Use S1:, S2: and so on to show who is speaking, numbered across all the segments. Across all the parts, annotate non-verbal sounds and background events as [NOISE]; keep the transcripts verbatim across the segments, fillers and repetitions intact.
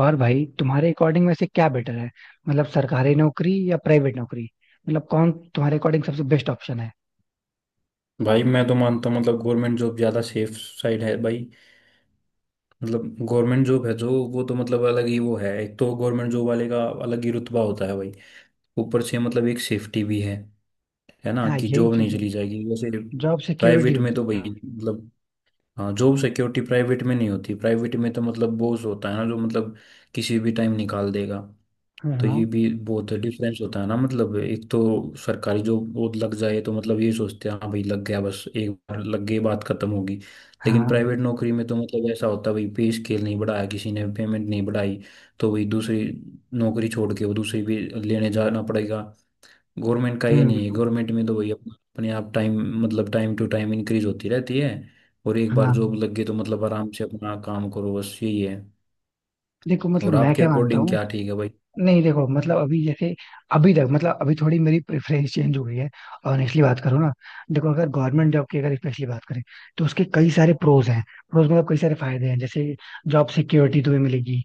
S1: और भाई, तुम्हारे अकॉर्डिंग में से क्या बेटर है? मतलब सरकारी नौकरी या प्राइवेट नौकरी? मतलब कौन तुम्हारे अकॉर्डिंग सबसे बेस्ट ऑप्शन है?
S2: भाई मैं तो मानता हूँ मतलब गवर्नमेंट जॉब ज़्यादा सेफ साइड है भाई। मतलब गवर्नमेंट जॉब है जो वो तो मतलब अलग ही वो है, एक तो गवर्नमेंट जॉब वाले का अलग ही रुतबा होता है भाई। ऊपर से मतलब एक सेफ्टी भी है है ना,
S1: हाँ,
S2: कि
S1: यही
S2: जॉब नहीं
S1: चीज है.
S2: चली जाएगी वैसे।
S1: जॉब सिक्योरिटी
S2: प्राइवेट में
S1: होती
S2: तो
S1: है.
S2: भाई
S1: हाँ.
S2: मतलब हाँ जॉब सिक्योरिटी प्राइवेट में नहीं होती। प्राइवेट में तो मतलब बॉस होता है ना जो मतलब किसी भी टाइम निकाल देगा। तो
S1: हाँ.
S2: ये भी बहुत डिफरेंस होता है ना। मतलब एक तो सरकारी जॉब वो लग जाए तो मतलब ये सोचते हैं हाँ भाई लग गया, बस एक बार लग गई बात खत्म होगी। लेकिन
S1: हाँ.
S2: प्राइवेट नौकरी में तो मतलब ऐसा होता है भाई, पे स्केल नहीं बढ़ाया, किसी ने पेमेंट नहीं बढ़ाई, तो भाई दूसरी नौकरी छोड़ के वो दूसरी भी लेने जाना पड़ेगा। गवर्नमेंट का ये
S1: हम्म.
S2: नहीं है, गवर्नमेंट में तो भाई अपना- अपने आप टाइम मतलब टाइम टू टाइम इंक्रीज होती रहती है। और एक बार
S1: हाँ.
S2: जॉब लग गई तो मतलब आराम से अपना काम करो, बस यही है।
S1: देखो मतलब
S2: और
S1: मैं
S2: आपके
S1: क्या मानता
S2: अकॉर्डिंग
S1: हूँ.
S2: क्या ठीक है भाई?
S1: नहीं देखो, मतलब अभी जैसे, अभी तक मतलब, अभी थोड़ी मेरी प्रेफरेंस चेंज हो गई है. ऑनेस्टली बात करूँ ना, देखो अगर गवर्नमेंट जॉब की अगर स्पेशली बात करें, तो उसके कई सारे प्रोज हैं. प्रोज मतलब कई सारे फायदे हैं. जैसे जॉब सिक्योरिटी तुम्हें मिलेगी.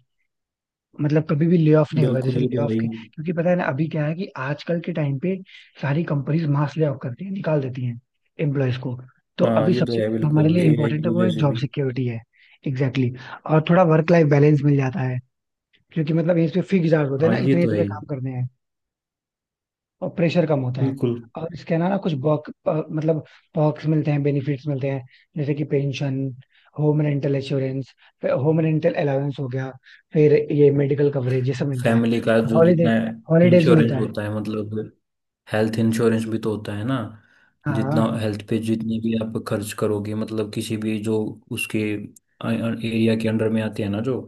S1: मतलब कभी भी ले ऑफ नहीं होगा.
S2: बिल्कुल,
S1: जैसे
S2: ये
S1: ले
S2: तो
S1: ऑफ
S2: है ही।
S1: के, क्योंकि पता है ना अभी क्या है कि आजकल के टाइम पे सारी कंपनीज मास ले ऑफ करती हैं, निकाल देती हैं एम्प्लॉयज को. तो
S2: हाँ
S1: अभी
S2: ये तो
S1: सबसे
S2: है
S1: जो हमारे
S2: बिल्कुल,
S1: लिए
S2: एआई
S1: इम्पोर्टेंट
S2: की
S1: है वो
S2: वजह
S1: है
S2: से
S1: जॉब
S2: भी।
S1: सिक्योरिटी है. Exactly exactly. और थोड़ा वर्क लाइफ बैलेंस मिल जाता है, क्योंकि मतलब इसमें फिक्स आवर्स होते हैं
S2: हाँ
S1: ना,
S2: ये
S1: इतने ही
S2: तो है
S1: तुम्हें
S2: ही।
S1: काम करने हैं. और प्रेशर कम होता है.
S2: बिल्कुल।
S1: और इसके अलावा कुछ बॉक अ, मतलब perks मिलते हैं, बेनिफिट्स मिलते हैं. जैसे कि pension, home rental insurance, home rental allowance हो गया, फिर ये मेडिकल कवरेज, ये सब मिलता है.
S2: फैमिली का
S1: और
S2: जो
S1: हॉलीडे
S2: जितना
S1: हॉलीडेज भी
S2: इंश्योरेंस
S1: मिलता है.
S2: होता है मतलब हेल्थ इंश्योरेंस भी तो होता है ना। जितना
S1: हाँ.
S2: हेल्थ पे जितनी भी आप खर्च करोगे मतलब किसी भी जो उसके एरिया के अंडर में आते हैं ना, जो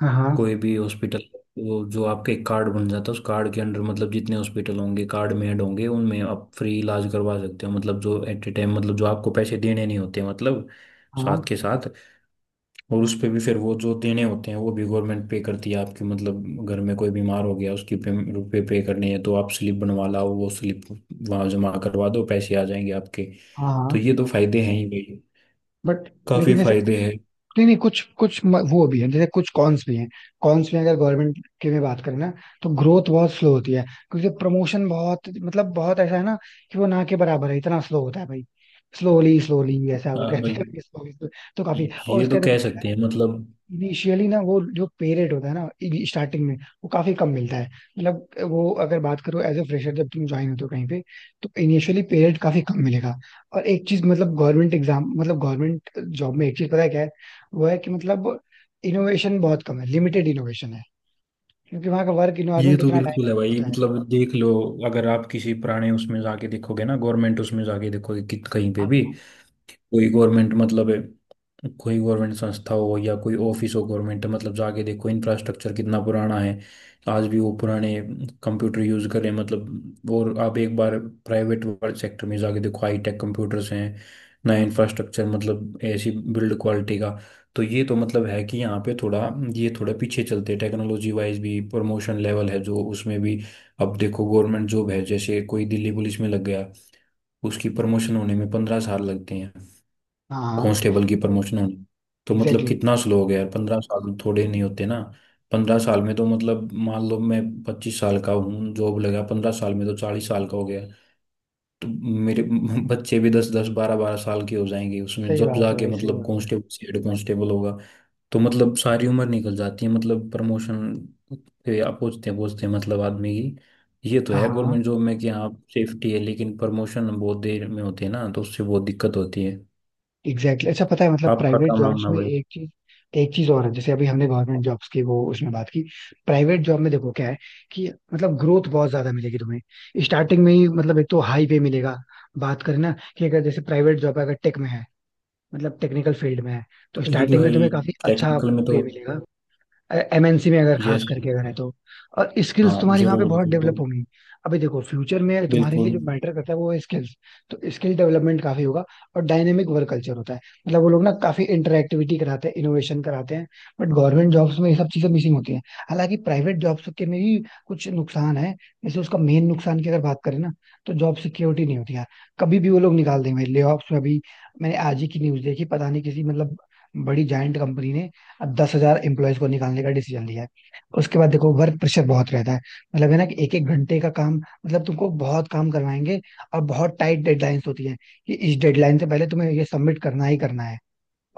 S1: हाँ. हाँ.
S2: कोई भी हॉस्पिटल, वो जो आपका एक कार्ड बन जाता है उस कार्ड के अंडर मतलब जितने हॉस्पिटल होंगे कार्ड में ऐड होंगे उनमें आप फ्री इलाज करवा सकते हो। मतलब जो एट ए टाइम मतलब जो आपको पैसे देने नहीं होते मतलब
S1: हाँ.
S2: साथ के साथ। और उस पे भी फिर वो जो देने होते हैं वो भी गवर्नमेंट पे करती है आपकी। मतलब घर में कोई बीमार हो गया, उसकी पे, रुपए पे करने हैं तो आप स्लिप बनवा लाओ, वो स्लिप वहां जमा करवा दो, पैसे आ जाएंगे आपके।
S1: हाँ.
S2: तो
S1: हाँ.
S2: ये तो फायदे हैं ही भाई,
S1: बट
S2: काफी
S1: लेकिन जैसे,
S2: फायदे हैं।
S1: नहीं नहीं, कुछ कुछ म- वो भी है, जैसे कुछ कॉन्स भी हैं. कॉन्स में अगर गवर्नमेंट की में बात करें ना, तो ग्रोथ बहुत स्लो होती है. क्योंकि प्रमोशन बहुत मतलब बहुत ऐसा है ना, कि वो ना के बराबर है, इतना स्लो होता है भाई. स्लोली स्लोली ऐसा वो
S2: हाँ
S1: कहते
S2: भाई,
S1: हैं [LAUGHS] स्लोली. तो काफी. और
S2: ये तो
S1: उसका
S2: कह
S1: देखो,
S2: सकते हैं मतलब।
S1: इनिशियली ना वो जो पे रेट होता है ना, स्टार्टिंग में वो काफी कम मिलता है. मतलब वो अगर बात करो एज ए फ्रेशर जब तुम ज्वाइन होते हो तो कहीं पे, तो इनिशियली पे रेट काफी कम मिलेगा. और एक चीज मतलब गवर्नमेंट एग्जाम मतलब गवर्नमेंट जॉब में, एक चीज पता है क्या है? वो है कि मतलब इनोवेशन बहुत कम है, लिमिटेड इनोवेशन है. क्योंकि वहाँ का वर्क
S2: ये
S1: इन्वायरमेंट
S2: तो
S1: उतना
S2: बिल्कुल है
S1: डायनामिक
S2: भाई,
S1: होता है.
S2: मतलब देख लो, अगर आप किसी पुराने उसमें जाके देखोगे ना, गवर्नमेंट उसमें जाके देखोगे कि कहीं पे
S1: हाँ.
S2: भी कोई गवर्नमेंट मतलब है, कोई गवर्नमेंट संस्था हो या कोई ऑफिस हो गवर्नमेंट, मतलब जाके देखो इंफ्रास्ट्रक्चर कितना पुराना है। आज भी वो पुराने कंप्यूटर यूज करें मतलब। और आप एक बार प्राइवेट सेक्टर में जाके देखो, हाई टेक कंप्यूटर्स हैं, नया इंफ्रास्ट्रक्चर, मतलब ऐसी बिल्ड क्वालिटी का। तो ये तो मतलब है कि यहाँ पे थोड़ा ये थोड़ा पीछे चलते हैं टेक्नोलॉजी वाइज भी। प्रमोशन लेवल है जो उसमें भी, अब देखो गवर्नमेंट जॉब है, जैसे कोई दिल्ली पुलिस में लग गया, उसकी प्रमोशन होने में पंद्रह साल लगते हैं,
S1: हाँ.
S2: कांस्टेबल की प्रमोशन होनी। तो मतलब
S1: एग्जैक्टली.
S2: कितना स्लो हो गया यार, पंद्रह साल थोड़े नहीं होते ना। पंद्रह साल में तो मतलब मान लो मैं पच्चीस साल का हूँ, जॉब लगा, पंद्रह साल में तो चालीस साल का हो गया। तो मेरे [LAUGHS] बच्चे भी दस दस बारह बारह साल के हो जाएंगे उसमें,
S1: सही
S2: जब
S1: बात है
S2: जाके
S1: भाई, सही
S2: मतलब
S1: बात है.
S2: कांस्टेबल से हेड कांस्टेबल होगा। तो मतलब सारी उम्र निकल जाती है मतलब प्रमोशन के आप पूछते पूछते मतलब आदमी की। ये तो
S1: हाँ.
S2: है
S1: हाँ.
S2: गवर्नमेंट जॉब में कि हाँ सेफ्टी है लेकिन प्रमोशन बहुत देर में होती है ना, तो उससे बहुत दिक्कत होती है।
S1: Exactly exactly. अच्छा पता है मतलब
S2: आपका
S1: प्राइवेट
S2: क्या
S1: जॉब्स
S2: मानना?
S1: में एक चीज एक चीज और है. जैसे अभी हमने गवर्नमेंट जॉब्स की वो उसमें बात की. प्राइवेट जॉब में देखो क्या है, कि मतलब ग्रोथ बहुत ज्यादा मिलेगी तुम्हें. स्टार्टिंग में ही मतलब एक तो हाई पे मिलेगा. बात करें ना कि अगर जैसे प्राइवेट जॉब अगर टेक में है, मतलब टेक्निकल फील्ड में है, तो
S2: ये तो
S1: स्टार्टिंग
S2: है
S1: में
S2: ही,
S1: तुम्हें काफी अच्छा
S2: टेक्निकल में तो।
S1: पे मिलेगा. एम एन सी में अगर खास
S2: यस।
S1: करके अगर है तो. और स्किल्स
S2: हाँ
S1: तुम्हारी वहां पे
S2: जरूर,
S1: बहुत डेवलप
S2: बिल्कुल।
S1: होंगी. अभी देखो फ्यूचर में तुम्हारे लिए
S2: बिल्कुल।
S1: जो मैटर करता है वो है स्किल्स. तो स्किल डेवलपमेंट काफी होगा. और डायनेमिक वर्क कल्चर होता है. मतलब वो लोग ना काफी इंटरएक्टिविटी कराते हैं, इनोवेशन कराते हैं. बट गवर्नमेंट जॉब्स में ये सब चीजें मिसिंग होती हैं. हालांकि प्राइवेट जॉब्स के में भी कुछ नुकसान है. जैसे उसका मेन नुकसान की अगर बात करें ना, तो जॉब सिक्योरिटी नहीं होती यार. कभी भी वो लोग निकाल देंगे ले ऑफ्स में. अभी मैंने आज ही की न्यूज देखी, पता नहीं किसी मतलब बड़ी जायंट कंपनी ने अब दस हजार एम्प्लॉयज को निकालने का डिसीजन लिया है. उसके बाद देखो वर्क प्रेशर बहुत रहता है. मतलब है ना कि एक एक घंटे का काम मतलब तुमको बहुत काम करवाएंगे. और बहुत टाइट डेडलाइंस होती है, कि इस डेडलाइन से पहले तुम्हें ये सबमिट करना ही करना है.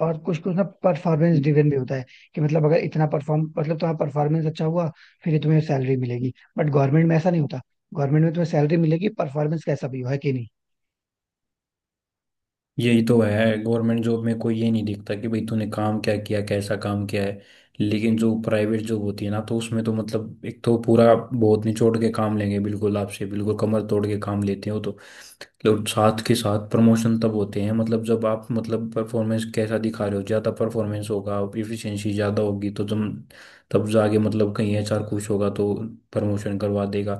S1: और कुछ कुछ ना परफॉर्मेंस ड्रिवन भी होता है, कि मतलब अगर इतना परफॉर्म मतलब तुम्हारा परफॉर्मेंस अच्छा हुआ, फिर ही तुम्हें सैलरी मिलेगी. बट गवर्नमेंट में ऐसा नहीं होता. गवर्नमेंट में तुम्हें सैलरी मिलेगी परफॉर्मेंस कैसा भी हो, है कि नहीं?
S2: यही तो है, गवर्नमेंट जॉब में कोई ये नहीं देखता कि भाई तूने काम क्या किया, कैसा काम किया है। लेकिन जो प्राइवेट जॉब होती है ना, तो उसमें तो मतलब एक तो पूरा बहुत निचोड़ के काम लेंगे बिल्कुल आपसे, बिल्कुल कमर तोड़ के काम लेते हो तो लोग। साथ के साथ प्रमोशन तब होते हैं मतलब जब आप मतलब परफॉर्मेंस कैसा दिखा रहे हो, ज़्यादा परफॉर्मेंस होगा, इफिशिएंसी ज़्यादा होगी, तो जब तब जाके मतलब कहीं एचआर खुश होगा तो प्रमोशन करवा देगा।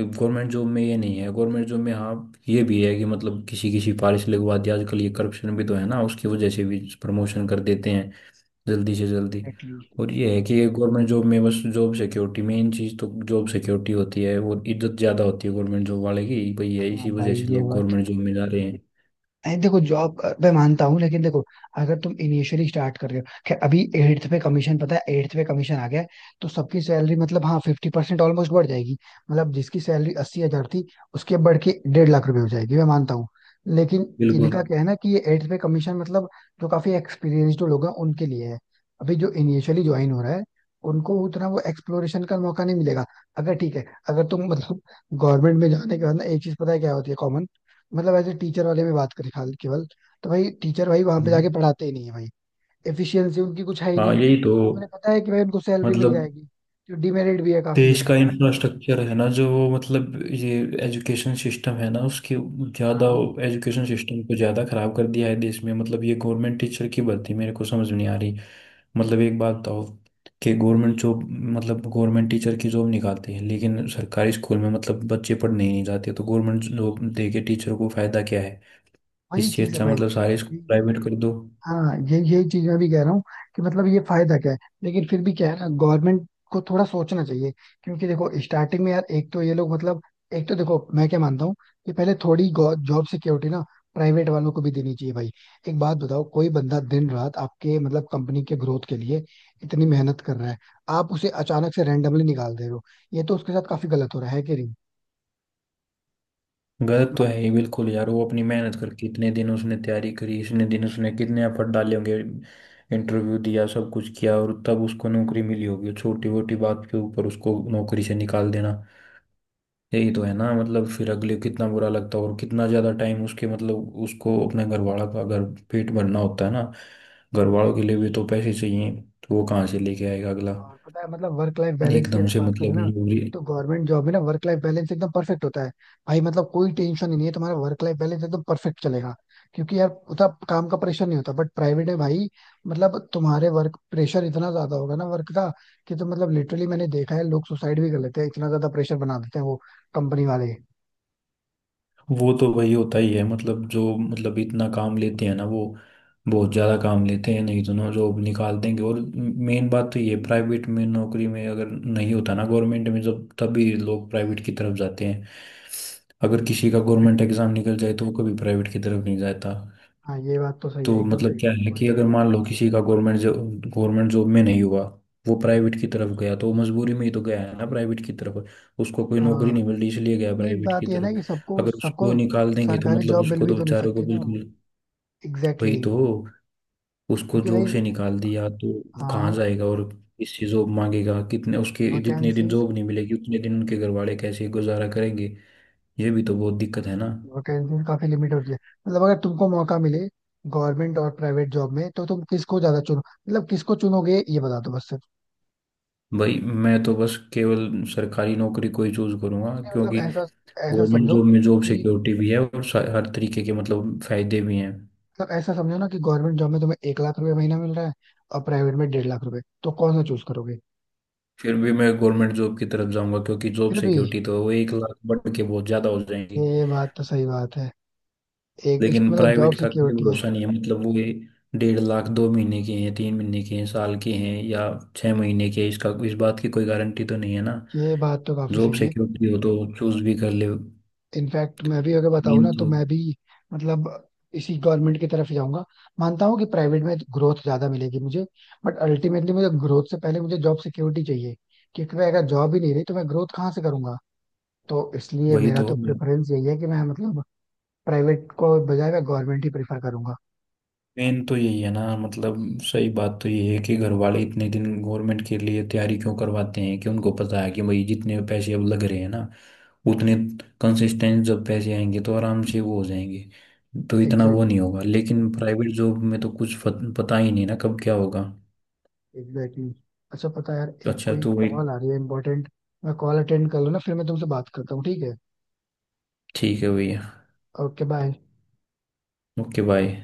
S2: गवर्नमेंट जॉब में ये नहीं है। गवर्नमेंट जॉब में हाँ ये भी है कि मतलब किसी किसी पारिश लगवा दिया, आजकल ये करप्शन भी तो है ना, उसकी वजह से भी प्रमोशन कर देते हैं जल्दी से जल्दी।
S1: एग्जैक्टली.
S2: और ये है कि ये हम्म। गवर्नमेंट जॉब में बस जॉब सिक्योरिटी मेन चीज़, तो जॉब सिक्योरिटी होती है और इज्जत ज़्यादा होती है गवर्नमेंट जॉब वाले की भाई, है
S1: हाँ
S2: इसी वजह
S1: भाई,
S2: से
S1: ये
S2: लोग
S1: बात.
S2: गवर्नमेंट जॉब में जा रहे हैं।
S1: अरे देखो, जॉब मैं मानता हूँ लेकिन देखो, अगर तुम इनिशियली स्टार्ट कर रहे हो, खैर अभी एट्थ पे कमीशन, पता है एट्थ पे कमीशन आ गया है. तो सबकी सैलरी मतलब हाँ फिफ्टी परसेंट ऑलमोस्ट बढ़ जाएगी. मतलब जिसकी सैलरी अस्सी हजार थी, उसके बढ़ के डेढ़ लाख रुपए हो जाएगी, मैं मानता हूँ. लेकिन
S2: बिल्कुल।
S1: इनका क्या है ना कि ये एट्थ पे कमीशन मतलब जो काफी एक्सपीरियंस्ड लोग हैं उनके लिए है. अभी जो इनिशियली ज्वाइन हो रहा है उनको उतना वो एक्सप्लोरेशन का मौका नहीं मिलेगा. अगर ठीक है, अगर तुम मतलब गवर्नमेंट में जाने के बाद ना, एक चीज पता है क्या होती है? मतलब एज ए टीचर वाले में बात करें खाली केवल, तो भाई टीचर भाई वहां पे जाके
S2: हम्म।
S1: पढ़ाते ही नहीं है भाई. एफिशिएंसी उनकी कुछ है ही
S2: हाँ,
S1: नहीं.
S2: यही तो।
S1: उन्हें पता है कि भाई उनको सैलरी मिल
S2: मतलब
S1: जाएगी. जो डिमेरिट भी है काफी
S2: देश
S1: है.
S2: का इंफ्रास्ट्रक्चर है ना, जो वो मतलब ये एजुकेशन सिस्टम है ना उसकी ज़्यादा।
S1: हाँ,
S2: एजुकेशन सिस्टम को ज़्यादा खराब कर दिया है देश में, मतलब ये गवर्नमेंट टीचर की भर्ती मेरे को समझ में नहीं आ रही। मतलब एक बात बताओ कि गवर्नमेंट जॉब, मतलब गवर्नमेंट टीचर की जॉब निकालती है, लेकिन सरकारी स्कूल में मतलब बच्चे पढ़ने ही नहीं जाते, तो गवर्नमेंट जॉब दे के टीचर को फायदा क्या है?
S1: वही
S2: इससे
S1: चीज है
S2: अच्छा
S1: भाई.
S2: मतलब सारे स्कूल प्राइवेट कर दो।
S1: हाँ, ये यही चीज मैं भी कह रहा हूँ, कि मतलब ये फायदा क्या है. लेकिन फिर भी क्या है ना, गवर्नमेंट को थोड़ा सोचना चाहिए. क्योंकि देखो स्टार्टिंग में यार एक तो ये लोग मतलब, एक तो देखो मैं क्या मानता हूँ, कि पहले थोड़ी जॉब सिक्योरिटी ना प्राइवेट वालों को भी देनी चाहिए भाई. एक बात बताओ, कोई बंदा दिन रात आपके मतलब कंपनी के ग्रोथ के लिए इतनी मेहनत कर रहा है, आप उसे अचानक से रेंडमली निकाल दे रहे हो, ये तो उसके साथ काफी गलत हो रहा है कि
S2: गलत तो है
S1: नहीं?
S2: ही बिल्कुल यार, वो अपनी मेहनत करके इतने दिन उसने तैयारी करी, इतने दिन उसने कितने एफर्ट डाले होंगे, इंटरव्यू दिया, सब कुछ किया, और तब उसको नौकरी मिली होगी, छोटी मोटी बात के ऊपर उसको नौकरी से निकाल देना। यही तो है ना मतलब, फिर अगले को कितना बुरा लगता है, और कितना ज्यादा टाइम उसके मतलब उसको अपने घर वाला का, अगर पेट भरना होता है ना, घर वालों के लिए भी तो पैसे चाहिए, तो वो कहाँ से लेके आएगा अगला
S1: और पता है मतलब वर्क लाइफ बैलेंस की
S2: एकदम
S1: अगर
S2: से
S1: बात करें
S2: मतलब।
S1: ना, तो गवर्नमेंट जॉब में ना वर्क लाइफ बैलेंस एकदम परफेक्ट होता है. भाई मतलब कोई टेंशन ही नहीं है, तुम्हारा वर्क लाइफ बैलेंस एकदम परफेक्ट चलेगा. क्योंकि यार उतना काम का प्रेशर नहीं होता. बट प्राइवेट है भाई, मतलब तुम्हारे वर्क प्रेशर इतना ज्यादा होगा ना वर्क का, कि तो मतलब लिटरली मैंने देखा है लोग सुसाइड भी कर लेते हैं, इतना ज्यादा प्रेशर बना देते हैं वो कंपनी वाले.
S2: वो तो वही होता ही है, मतलब जो मतलब इतना काम लेते हैं ना वो, बहुत ज़्यादा काम लेते हैं नहीं तो ना जॉब निकाल देंगे। और मेन बात तो ये, प्राइवेट में नौकरी में अगर नहीं होता ना गवर्नमेंट में जब, तभी लोग प्राइवेट की तरफ जाते हैं। अगर किसी का गवर्नमेंट
S1: Exactly.
S2: एग्ज़ाम निकल जाए तो वो कभी प्राइवेट की तरफ नहीं जाता।
S1: हाँ, ये बात तो सही है,
S2: तो
S1: एकदम
S2: मतलब
S1: सही
S2: क्या
S1: है
S2: है कि
S1: तुम्हारी.
S2: अगर मान लो किसी का गवर्नमेंट जॉब गवर्नमेंट जॉब में नहीं हुआ, वो प्राइवेट की तरफ गया, तो वो मजबूरी में ही तो गया है ना प्राइवेट की तरफ। उसको कोई
S1: हाँ.
S2: नौकरी नहीं मिल रही इसलिए गया
S1: नहीं,
S2: प्राइवेट की
S1: बात ये है ना
S2: तरफ।
S1: कि सबको
S2: अगर उसको
S1: सबको
S2: निकाल देंगे तो
S1: सरकारी
S2: मतलब
S1: जॉब मिल
S2: उसको
S1: भी
S2: तो
S1: तो नहीं
S2: बेचारे को
S1: सकती ना.
S2: बिल्कुल।
S1: एग्जैक्टली
S2: वही तो,
S1: exactly.
S2: उसको
S1: क्योंकि
S2: जॉब
S1: भाई.
S2: से निकाल दिया तो वो कहाँ
S1: हाँ.
S2: जाएगा और किससे जॉब मांगेगा, कितने उसके जितने दिन
S1: वैकेंसीज
S2: जॉब नहीं मिलेगी उतने दिन उनके घर वाले कैसे गुजारा करेंगे? ये भी तो बहुत दिक्कत है ना।
S1: वैकेंसीज काफी लिमिट होती है. मतलब अगर तुमको मौका मिले, गवर्नमेंट और प्राइवेट जॉब में, तो तुम किसको ज्यादा चुनो, मतलब किसको चुनोगे ये बता दो बस सिर्फ.
S2: भाई मैं तो बस केवल सरकारी नौकरी को ही चूज करूंगा,
S1: नहीं, मतलब
S2: क्योंकि
S1: ऐसा ऐसा
S2: गवर्नमेंट
S1: समझो
S2: जॉब में जॉब
S1: कि
S2: सिक्योरिटी भी है और सा- हर तरीके के मतलब फायदे भी हैं।
S1: मतलब ऐसा समझो ना कि गवर्नमेंट जॉब में तुम्हें एक लाख रुपए महीना मिल रहा है, और प्राइवेट में डेढ़ लाख रुपए, तो कौन सा चूज करोगे?
S2: फिर भी मैं गवर्नमेंट जॉब की तरफ जाऊंगा क्योंकि जॉब
S1: फिर भी.
S2: सिक्योरिटी, तो वो एक लाख बढ़ के बहुत ज्यादा हो जाएंगी।
S1: ये बात तो सही बात है. एक इस-
S2: लेकिन
S1: मतलब जॉब
S2: प्राइवेट का कोई
S1: सिक्योरिटी है.
S2: भरोसा नहीं है, मतलब वो ये डेढ़ लाख दो महीने के हैं, तीन महीने के हैं, साल के हैं, या छह महीने के हैं, इसका इस बात की कोई गारंटी तो नहीं है ना।
S1: ये बात तो काफी
S2: जॉब
S1: सही है.
S2: सिक्योरिटी हो तो चूज भी कर ले।
S1: इनफैक्ट मैं भी अगर बताऊँ
S2: मेन
S1: ना, तो
S2: तो
S1: मैं भी मतलब इसी गवर्नमेंट की तरफ ही जाऊंगा. मानता हूँ कि प्राइवेट में ग्रोथ ज्यादा मिलेगी मुझे, बट अल्टीमेटली मुझे ग्रोथ से पहले मुझे जॉब सिक्योरिटी चाहिए. क्योंकि मैं अगर जॉब ही नहीं रही तो मैं ग्रोथ कहाँ से करूंगा? तो इसलिए
S2: वही
S1: मेरा
S2: तो,
S1: तो प्रेफरेंस यही है कि मैं मतलब प्राइवेट को बजाय मैं गवर्नमेंट ही प्रेफर करूंगा.
S2: मेन तो यही है ना मतलब। सही बात तो ये है कि घर वाले इतने दिन गवर्नमेंट के लिए तैयारी क्यों करवाते हैं, कि उनको पता है कि भाई जितने पैसे अब लग रहे हैं ना उतने कंसिस्टेंट जब पैसे आएंगे तो आराम से वो हो जाएंगे। तो इतना वो
S1: एग्जैक्टली
S2: नहीं
S1: exactly.
S2: होगा लेकिन प्राइवेट जॉब में तो कुछ फत- पता ही नहीं ना कब क्या होगा।
S1: Exactly exactly. अच्छा पता है यार,
S2: तो
S1: एक
S2: अच्छा
S1: कोई
S2: तो वही,
S1: कॉल आ रही है इंपॉर्टेंट. मैं कॉल अटेंड कर लूँ ना, फिर मैं तुमसे बात करता हूँ, ठीक है?
S2: ठीक है भैया,
S1: ओके बाय.
S2: Okay bye.